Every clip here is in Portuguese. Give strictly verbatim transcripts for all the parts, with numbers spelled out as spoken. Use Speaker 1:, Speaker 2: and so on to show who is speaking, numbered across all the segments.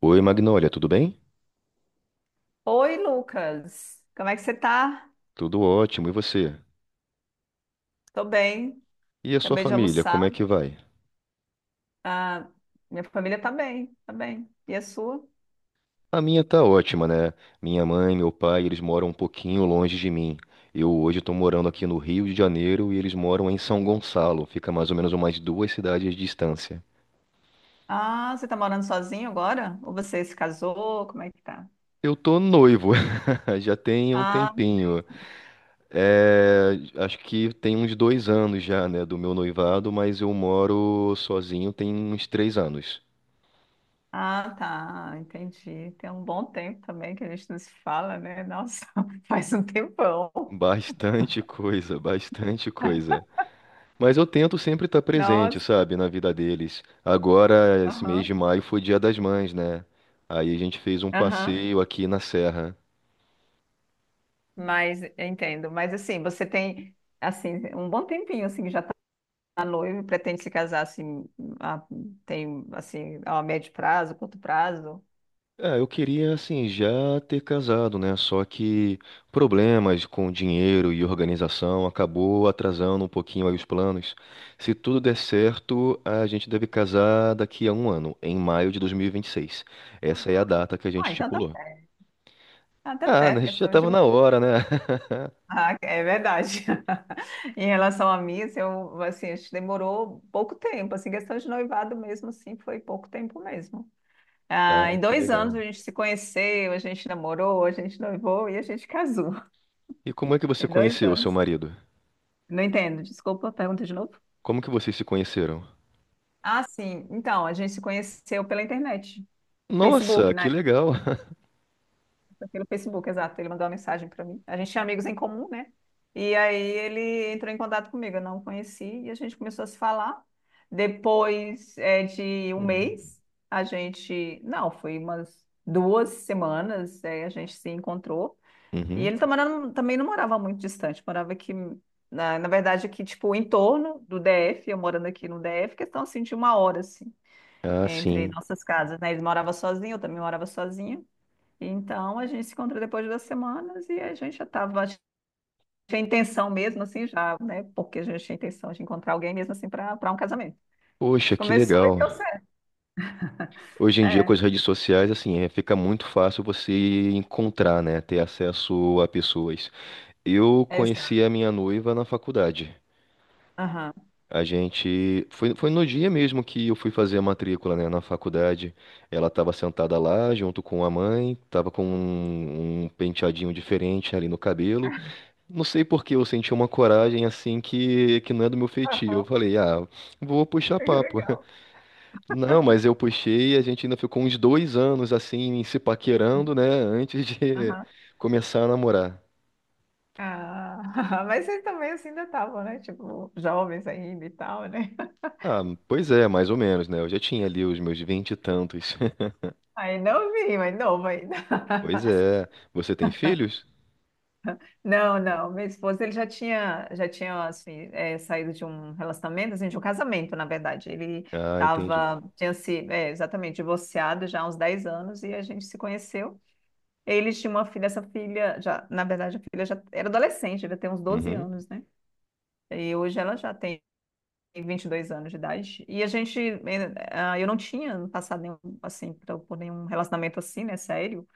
Speaker 1: Oi, Magnólia, tudo bem?
Speaker 2: Oi, Lucas. Como é que você tá?
Speaker 1: Tudo ótimo, e você?
Speaker 2: Tô bem.
Speaker 1: E a sua
Speaker 2: Acabei de
Speaker 1: família,
Speaker 2: almoçar.
Speaker 1: como é que vai?
Speaker 2: Ah, minha família tá bem, tá bem. E a sua?
Speaker 1: A minha tá ótima, né? Minha mãe, meu pai, eles moram um pouquinho longe de mim. Eu hoje tô morando aqui no Rio de Janeiro e eles moram em São Gonçalo, fica mais ou menos umas duas cidades de distância.
Speaker 2: Ah, você tá morando sozinho agora? Ou você se casou? Como é que tá?
Speaker 1: Eu tô noivo, já tem um
Speaker 2: Ah,
Speaker 1: tempinho. É, acho que tem uns dois anos já, né, do meu noivado, mas eu moro sozinho tem uns três anos.
Speaker 2: ah, tá. Entendi. Tem um bom tempo também que a gente não se fala, né? Nossa, faz um tempão.
Speaker 1: Bastante coisa, bastante coisa. Mas eu tento sempre estar presente,
Speaker 2: Nossa.
Speaker 1: sabe, na vida deles. Agora, esse mês
Speaker 2: Aham.
Speaker 1: de maio foi Dia das Mães, né? Aí a gente fez um
Speaker 2: Aham.
Speaker 1: passeio aqui na serra.
Speaker 2: Mas eu entendo. Mas assim, você tem assim um bom tempinho assim que já a noiva e pretende se casar assim, a, tem assim, a médio prazo, curto prazo?
Speaker 1: É, eu queria, assim, já ter casado, né? Só que problemas com dinheiro e organização acabou atrasando um pouquinho aí os planos. Se tudo der certo, a gente deve casar daqui a um ano, em maio de dois mil e vinte e seis. Essa é a data que a gente
Speaker 2: Ah, então tá
Speaker 1: estipulou.
Speaker 2: certo. Ah, tá
Speaker 1: Ah, né?
Speaker 2: certo,
Speaker 1: A gente já
Speaker 2: questão de.
Speaker 1: tava na hora, né?
Speaker 2: Ah, é verdade. Em relação a mim, assim, eu, assim, acho que demorou pouco tempo, assim, questão de noivado mesmo, assim, foi pouco tempo mesmo.
Speaker 1: Ah,
Speaker 2: Ah, em
Speaker 1: que
Speaker 2: dois anos
Speaker 1: legal.
Speaker 2: a gente se conheceu, a gente namorou, a gente noivou e a gente casou.
Speaker 1: E como é que você
Speaker 2: Em dois
Speaker 1: conheceu o seu
Speaker 2: anos.
Speaker 1: marido?
Speaker 2: Não entendo, desculpa, pergunta de novo.
Speaker 1: Como que vocês se conheceram?
Speaker 2: Ah, sim. Então, a gente se conheceu pela internet.
Speaker 1: Nossa,
Speaker 2: Facebook,
Speaker 1: que legal.
Speaker 2: pelo Facebook, exato. Ele mandou uma mensagem para mim. A gente tinha amigos em comum, né? E aí ele entrou em contato comigo. Eu não o conheci e a gente começou a se falar. Depois é, de um
Speaker 1: Uhum.
Speaker 2: mês, a gente. Não, foi umas duas semanas, é, a gente se encontrou. E
Speaker 1: Uhum.
Speaker 2: ele também não, também não morava muito distante, morava aqui. Na, na verdade, aqui, tipo, em torno do D F, eu morando aqui no D F, questão assim de uma hora, assim,
Speaker 1: Ah,
Speaker 2: entre
Speaker 1: sim.
Speaker 2: nossas casas, né? Ele morava sozinho, eu também morava sozinha. Então, a gente se encontrou depois de duas semanas e a gente já estava, a gente tinha intenção mesmo, assim, já, né? Porque a gente tinha intenção de encontrar alguém mesmo, assim, para para um casamento. A
Speaker 1: Poxa,
Speaker 2: gente
Speaker 1: que
Speaker 2: conversou e
Speaker 1: legal.
Speaker 2: deu certo.
Speaker 1: Hoje em dia, com
Speaker 2: É,
Speaker 1: as redes sociais, assim, é, fica muito fácil você encontrar, né? Ter acesso a pessoas. Eu
Speaker 2: exato.
Speaker 1: conheci a minha noiva na faculdade.
Speaker 2: Aham.
Speaker 1: A gente. Foi, foi no dia mesmo que eu fui fazer a matrícula, né? Na faculdade. Ela estava sentada lá, junto com a mãe, estava com um um penteadinho diferente ali no cabelo. Não sei por que eu senti uma coragem assim que, que não é do meu feitio. Eu
Speaker 2: Aham,
Speaker 1: falei, ah, vou puxar
Speaker 2: que
Speaker 1: papo.
Speaker 2: legal.
Speaker 1: Não, mas eu puxei e a gente ainda ficou uns dois anos assim, se paquerando, né, antes de
Speaker 2: Aham.
Speaker 1: começar a namorar.
Speaker 2: Ah, mas vocês também assim ainda estavam, né? Tipo, jovens ainda e tal, né?
Speaker 1: Ah, pois é, mais ou menos, né? Eu já tinha ali os meus vinte e tantos.
Speaker 2: Aí não vi, mas novo ainda.
Speaker 1: Pois é. Você tem filhos?
Speaker 2: Não, não. Meu esposo, ele já tinha, já tinha assim, é, saído de um relacionamento, assim, de um casamento, na verdade. Ele
Speaker 1: Ah, entendi.
Speaker 2: tava, tinha se, é, exatamente, divorciado já há uns dez anos e a gente se conheceu. Eles tinham uma filha, essa filha, já, na verdade, a filha já era adolescente, devia ter uns doze
Speaker 1: Uhum.
Speaker 2: anos, né? E hoje ela já tem vinte e dois anos de idade. E a gente, eh, ah, eu não tinha passado nenhum, assim, pra- por nenhum relacionamento assim, né, sério.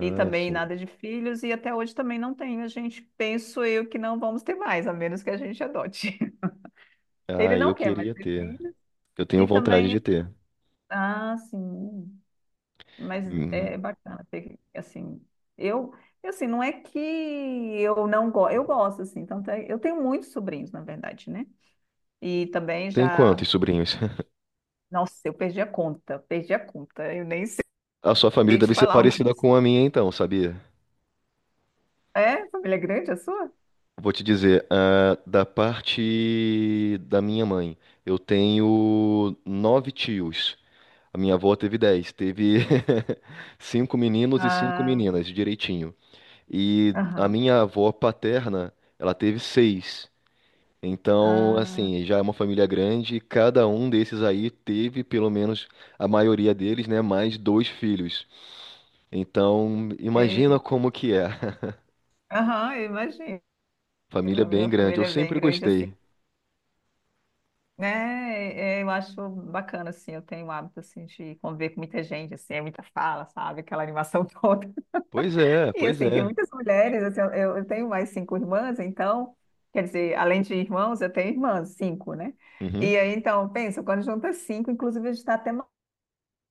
Speaker 2: E também
Speaker 1: sim.
Speaker 2: nada de filhos, e até hoje também não tenho. A gente, penso eu, que não vamos ter mais, a menos que a gente adote. Ele
Speaker 1: Ah, eu
Speaker 2: não quer mais
Speaker 1: queria
Speaker 2: ter
Speaker 1: ter.
Speaker 2: filhos,
Speaker 1: Eu tenho
Speaker 2: e
Speaker 1: vontade
Speaker 2: também,
Speaker 1: de ter.
Speaker 2: ah, sim, mas é
Speaker 1: Uhum.
Speaker 2: bacana ter, assim, eu, assim, não é que eu não gosto, eu gosto, assim, tanto é, eu tenho muitos sobrinhos, na verdade, né? E também
Speaker 1: Tem
Speaker 2: já,
Speaker 1: quantos sobrinhos?
Speaker 2: nossa, eu perdi a conta, perdi a conta, eu nem sei
Speaker 1: A sua família
Speaker 2: te
Speaker 1: deve ser
Speaker 2: falar
Speaker 1: parecida
Speaker 2: mais.
Speaker 1: com a minha, então, sabia?
Speaker 2: É? Família grande a sua?
Speaker 1: Vou te dizer, ah, da parte da minha mãe, eu tenho nove tios. A minha avó teve dez, teve cinco meninos e cinco
Speaker 2: Ah,
Speaker 1: meninas, direitinho. E a
Speaker 2: aham.
Speaker 1: minha avó paterna, ela teve seis. Então,
Speaker 2: Ah,
Speaker 1: assim, já é uma família grande. E cada um desses aí teve, pelo menos a maioria deles, né, mais dois filhos. Então,
Speaker 2: é,
Speaker 1: imagina como que é.
Speaker 2: aham, eu imagino. A
Speaker 1: Família bem
Speaker 2: minha
Speaker 1: grande. Eu
Speaker 2: família é bem
Speaker 1: sempre
Speaker 2: grande assim,
Speaker 1: gostei.
Speaker 2: né? É, eu acho bacana, assim, eu tenho o hábito, assim, de conviver com muita gente, assim, é muita fala, sabe? Aquela animação toda.
Speaker 1: Pois é,
Speaker 2: E,
Speaker 1: pois
Speaker 2: assim, tem
Speaker 1: é.
Speaker 2: muitas mulheres, assim, eu, eu tenho mais cinco irmãs, então, quer dizer, além de irmãos, eu tenho irmãs, cinco, né?
Speaker 1: Uhum.
Speaker 2: E aí, então, pensa, quando junta cinco, inclusive a gente está até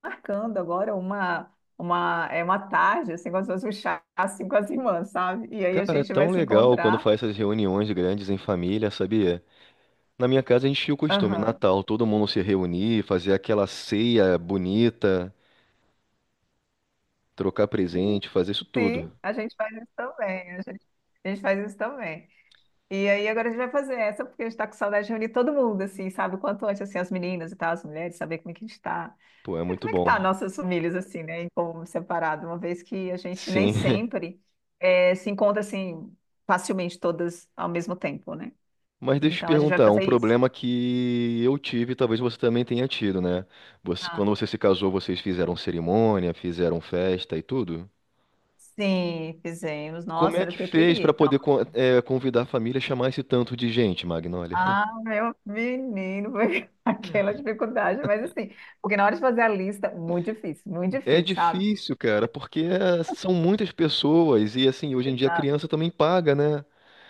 Speaker 2: marcando agora uma, uma, é uma tarde, assim, como se fosse um chá, assim, com as irmãs, sabe? E aí a
Speaker 1: Cara, é
Speaker 2: gente
Speaker 1: tão
Speaker 2: vai se
Speaker 1: legal quando
Speaker 2: encontrar.
Speaker 1: faz essas reuniões grandes em família, sabia? Na minha casa a gente tinha o costume,
Speaker 2: Aham.
Speaker 1: Natal, todo mundo se reunir, fazer aquela ceia bonita, trocar presente, fazer isso tudo.
Speaker 2: Sim, a gente faz isso também. A gente, a gente faz isso também. E aí agora a gente vai fazer essa, porque a gente tá com saudade de reunir todo mundo, assim, sabe? O quanto antes, assim, as meninas e tal, as mulheres, saber como é que a gente tá.
Speaker 1: Pô, é
Speaker 2: É,
Speaker 1: muito
Speaker 2: como é que tá
Speaker 1: bom.
Speaker 2: nossas famílias, assim, né? Em como separado, uma vez que a gente nem
Speaker 1: Sim.
Speaker 2: sempre eh, se encontra, assim, facilmente todas ao mesmo tempo, né?
Speaker 1: Mas deixa eu te
Speaker 2: Então a gente vai
Speaker 1: perguntar, um
Speaker 2: fazer isso.
Speaker 1: problema que eu tive, talvez você também tenha tido, né? Você-
Speaker 2: Ah,
Speaker 1: quando você se casou, vocês fizeram cerimônia, fizeram festa e tudo? Tudo.
Speaker 2: sim, fizemos.
Speaker 1: Como
Speaker 2: Nossa,
Speaker 1: é
Speaker 2: era o
Speaker 1: que
Speaker 2: que eu
Speaker 1: fez
Speaker 2: queria.
Speaker 1: pra
Speaker 2: Então.
Speaker 1: poder co- eh, convidar a família a chamar esse tanto de gente, Magnolia?
Speaker 2: Ah, meu menino, foi aquela dificuldade, mas assim, porque na hora de fazer a lista, muito difícil, muito
Speaker 1: É
Speaker 2: difícil, sabe?
Speaker 1: difícil, cara, porque é, são muitas pessoas e assim, hoje em dia a
Speaker 2: Exato.
Speaker 1: criança também paga, né?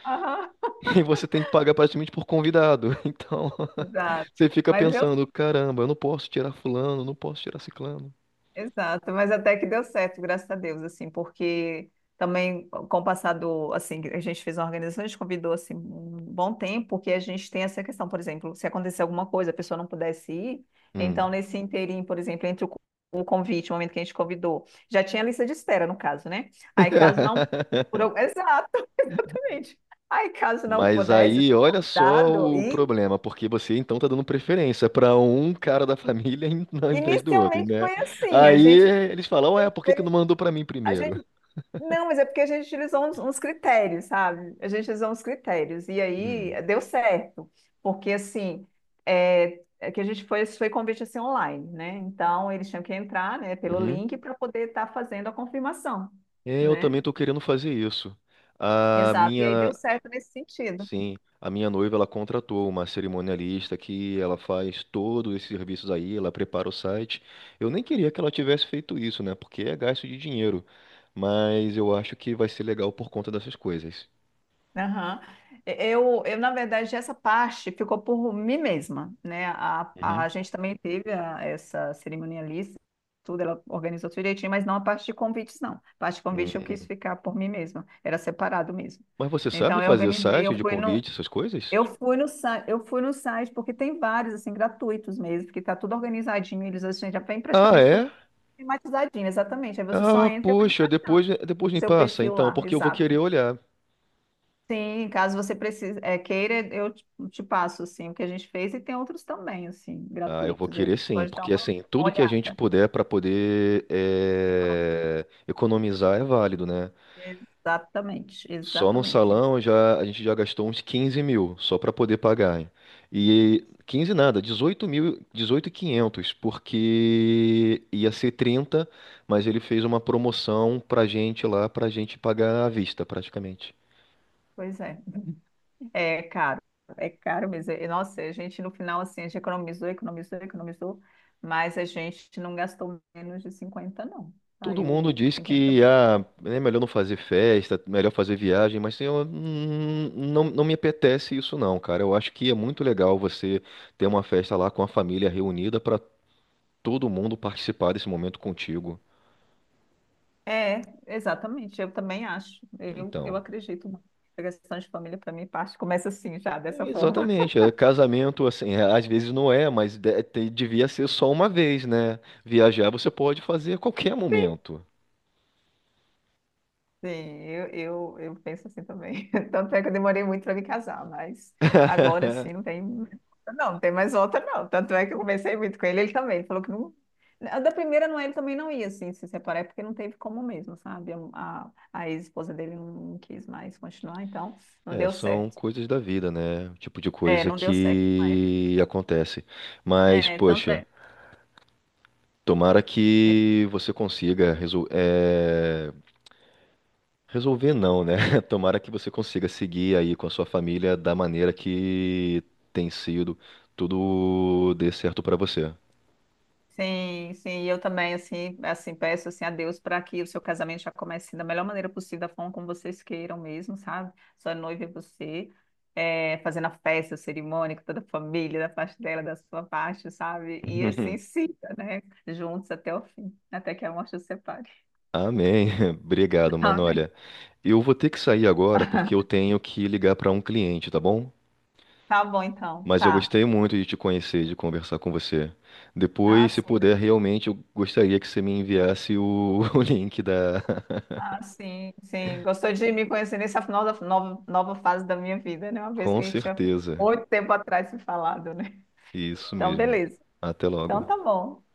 Speaker 2: Aham,
Speaker 1: E você tem que pagar praticamente por convidado. Então,
Speaker 2: exato.
Speaker 1: você fica
Speaker 2: Mas eu
Speaker 1: pensando, caramba, eu não posso tirar fulano, não posso tirar ciclano.
Speaker 2: exato, mas até que deu certo, graças a Deus, assim, porque também com o passar do, assim, a gente fez uma organização, a gente convidou, assim, um bom tempo, porque a gente tem essa questão, por exemplo, se acontecer alguma coisa, a pessoa não pudesse ir, então
Speaker 1: Hum.
Speaker 2: nesse inteirinho, por exemplo, entre o, co- o convite, o momento que a gente convidou, já tinha a lista de espera, no caso, né? Aí caso não, por, al- exato, exatamente, aí caso não
Speaker 1: Mas
Speaker 2: pudesse
Speaker 1: aí,
Speaker 2: ser
Speaker 1: olha só
Speaker 2: convidado,
Speaker 1: o
Speaker 2: e
Speaker 1: problema, porque você então tá dando preferência pra um cara da família em- ao invés do outro,
Speaker 2: inicialmente
Speaker 1: né?
Speaker 2: foi assim, a
Speaker 1: Aí
Speaker 2: gente
Speaker 1: eles falam, ué, por que que não mandou pra mim primeiro?
Speaker 2: não, mas é porque a gente utilizou uns, uns critérios, sabe? A gente utilizou uns critérios. E aí eh, deu certo. Porque assim, é, é que a gente foi, foi convite assim online, né? Então eles tinham que entrar, né, pelo
Speaker 1: Hum.
Speaker 2: link para poder estar fazendo a confirmação,
Speaker 1: É, eu
Speaker 2: né?
Speaker 1: também tô querendo fazer isso. A
Speaker 2: Exato. E aí
Speaker 1: minha,
Speaker 2: deu certo nesse sentido.
Speaker 1: sim, a minha noiva ela contratou uma cerimonialista que ela faz todos esses serviços aí, ela prepara o site. Eu nem queria que ela tivesse feito isso, né? Porque é gasto de dinheiro. Mas eu acho que vai ser legal por conta dessas coisas.
Speaker 2: Aham. Eu, eu, na verdade, essa parte ficou por mim mesma, né? A,
Speaker 1: Uhum.
Speaker 2: a gente também teve a- essa cerimonialista, tudo, ela organizou tudo direitinho, mas não a parte de convites, não. A parte de convite eu quis
Speaker 1: Hum.
Speaker 2: ficar por mim mesma, era separado mesmo.
Speaker 1: Mas você sabe
Speaker 2: Então, eu
Speaker 1: fazer
Speaker 2: organizei,
Speaker 1: site
Speaker 2: eu
Speaker 1: de
Speaker 2: fui no,
Speaker 1: convite, essas coisas?
Speaker 2: eu fui no, sa- eu fui no site, porque tem vários, assim, gratuitos mesmo, que tá tudo organizadinho, eles, assim, já vem
Speaker 1: Ah,
Speaker 2: praticamente tudo
Speaker 1: é?
Speaker 2: tematizadinho, exatamente. Aí você só
Speaker 1: Ah,
Speaker 2: entra e vai
Speaker 1: poxa,
Speaker 2: entrar
Speaker 1: depois, depois
Speaker 2: no
Speaker 1: me
Speaker 2: seu
Speaker 1: passa,
Speaker 2: perfil
Speaker 1: então,
Speaker 2: lá,
Speaker 1: porque eu vou querer
Speaker 2: exato.
Speaker 1: olhar.
Speaker 2: Sim, caso você precise, é, queira, eu te te passo assim, o que a gente fez e tem outros também, assim,
Speaker 1: Ah, eu vou
Speaker 2: gratuitos. Aí
Speaker 1: querer sim,
Speaker 2: pode dar
Speaker 1: porque
Speaker 2: uma
Speaker 1: assim,
Speaker 2: uma
Speaker 1: tudo que a gente
Speaker 2: olhada.
Speaker 1: puder para poder
Speaker 2: Economia.
Speaker 1: eh, economizar é válido, né?
Speaker 2: Exatamente,
Speaker 1: Só no
Speaker 2: exatamente.
Speaker 1: salão já a gente já gastou uns quinze mil só para poder pagar. E quinze nada, dezoito mil, dezoito mil e quinhentos, porque ia ser trinta, mas ele fez uma promoção pra gente lá, pra gente pagar à vista praticamente.
Speaker 2: Pois é. É caro, é caro mesmo. E, nossa, a gente no final, assim, a gente economizou, economizou, economizou, mas a gente não gastou menos de cinquenta não.
Speaker 1: Todo mundo
Speaker 2: Saiu
Speaker 1: diz
Speaker 2: cinquenta e
Speaker 1: que
Speaker 2: alguma
Speaker 1: ah,
Speaker 2: coisa.
Speaker 1: é melhor não fazer festa, melhor fazer viagem, mas eu hum, não, não me apetece isso não, cara. Eu acho que é muito legal você ter uma festa lá com a família reunida para todo mundo participar desse momento contigo.
Speaker 2: É, exatamente, eu também acho. Eu, eu
Speaker 1: Então,
Speaker 2: acredito muito. A questão de família, para mim, parte começa assim, já, dessa
Speaker 1: é
Speaker 2: forma.
Speaker 1: exatamente. É, casamento, assim, é, às vezes não é, mas de- te- devia ser só uma vez, né? Viajar você pode fazer a qualquer
Speaker 2: Sim,
Speaker 1: momento.
Speaker 2: sim, eu, eu, eu penso assim também. Tanto é que eu demorei muito para me casar, mas agora sim não tem. Não, não tem mais volta, não. Tanto é que eu conversei muito com ele, ele também. Ele falou que não. a Da primeira, não, ele também não ia assim, se separar, é porque não teve como mesmo, sabe? A, a, a ex-esposa dele não quis mais continuar, então não
Speaker 1: É,
Speaker 2: deu
Speaker 1: são
Speaker 2: certo.
Speaker 1: coisas da vida, né? Tipo de
Speaker 2: É,
Speaker 1: coisa
Speaker 2: não deu certo na época.
Speaker 1: que acontece. Mas,
Speaker 2: É, tanto
Speaker 1: poxa.
Speaker 2: é.
Speaker 1: Tomara que você consiga resol- eh, resolver, não, né? Tomara que você consiga seguir aí com a sua família da maneira que tem sido, tudo dê certo pra você.
Speaker 2: Sim, sim, e eu também assim, assim peço assim a Deus para que o seu casamento já comece da melhor maneira possível, da forma como vocês queiram mesmo, sabe? Sua noiva é você, é, fazendo a festa, a cerimônia com toda a família, da parte dela, da sua parte, sabe? E assim siga, né? Juntos até o fim, até que a morte os separe.
Speaker 1: Amém. Obrigado, mano.
Speaker 2: Amém.
Speaker 1: Olha, eu vou ter que sair agora porque eu tenho que ligar para um cliente, tá bom?
Speaker 2: Tá bom então,
Speaker 1: Mas eu
Speaker 2: tá.
Speaker 1: gostei muito de te conhecer, de conversar com você.
Speaker 2: Ah,
Speaker 1: Depois, se
Speaker 2: sim,
Speaker 1: puder, realmente eu gostaria que você me enviasse o o link da.
Speaker 2: ah, sim, sim. Gostou de me conhecer nessa nova, nova, nova fase da minha vida, né? Uma vez
Speaker 1: Com
Speaker 2: que a gente tinha
Speaker 1: certeza.
Speaker 2: muito tempo atrás se falado, né?
Speaker 1: Isso
Speaker 2: Então,
Speaker 1: mesmo.
Speaker 2: beleza.
Speaker 1: Até
Speaker 2: Então,
Speaker 1: logo.
Speaker 2: tá bom.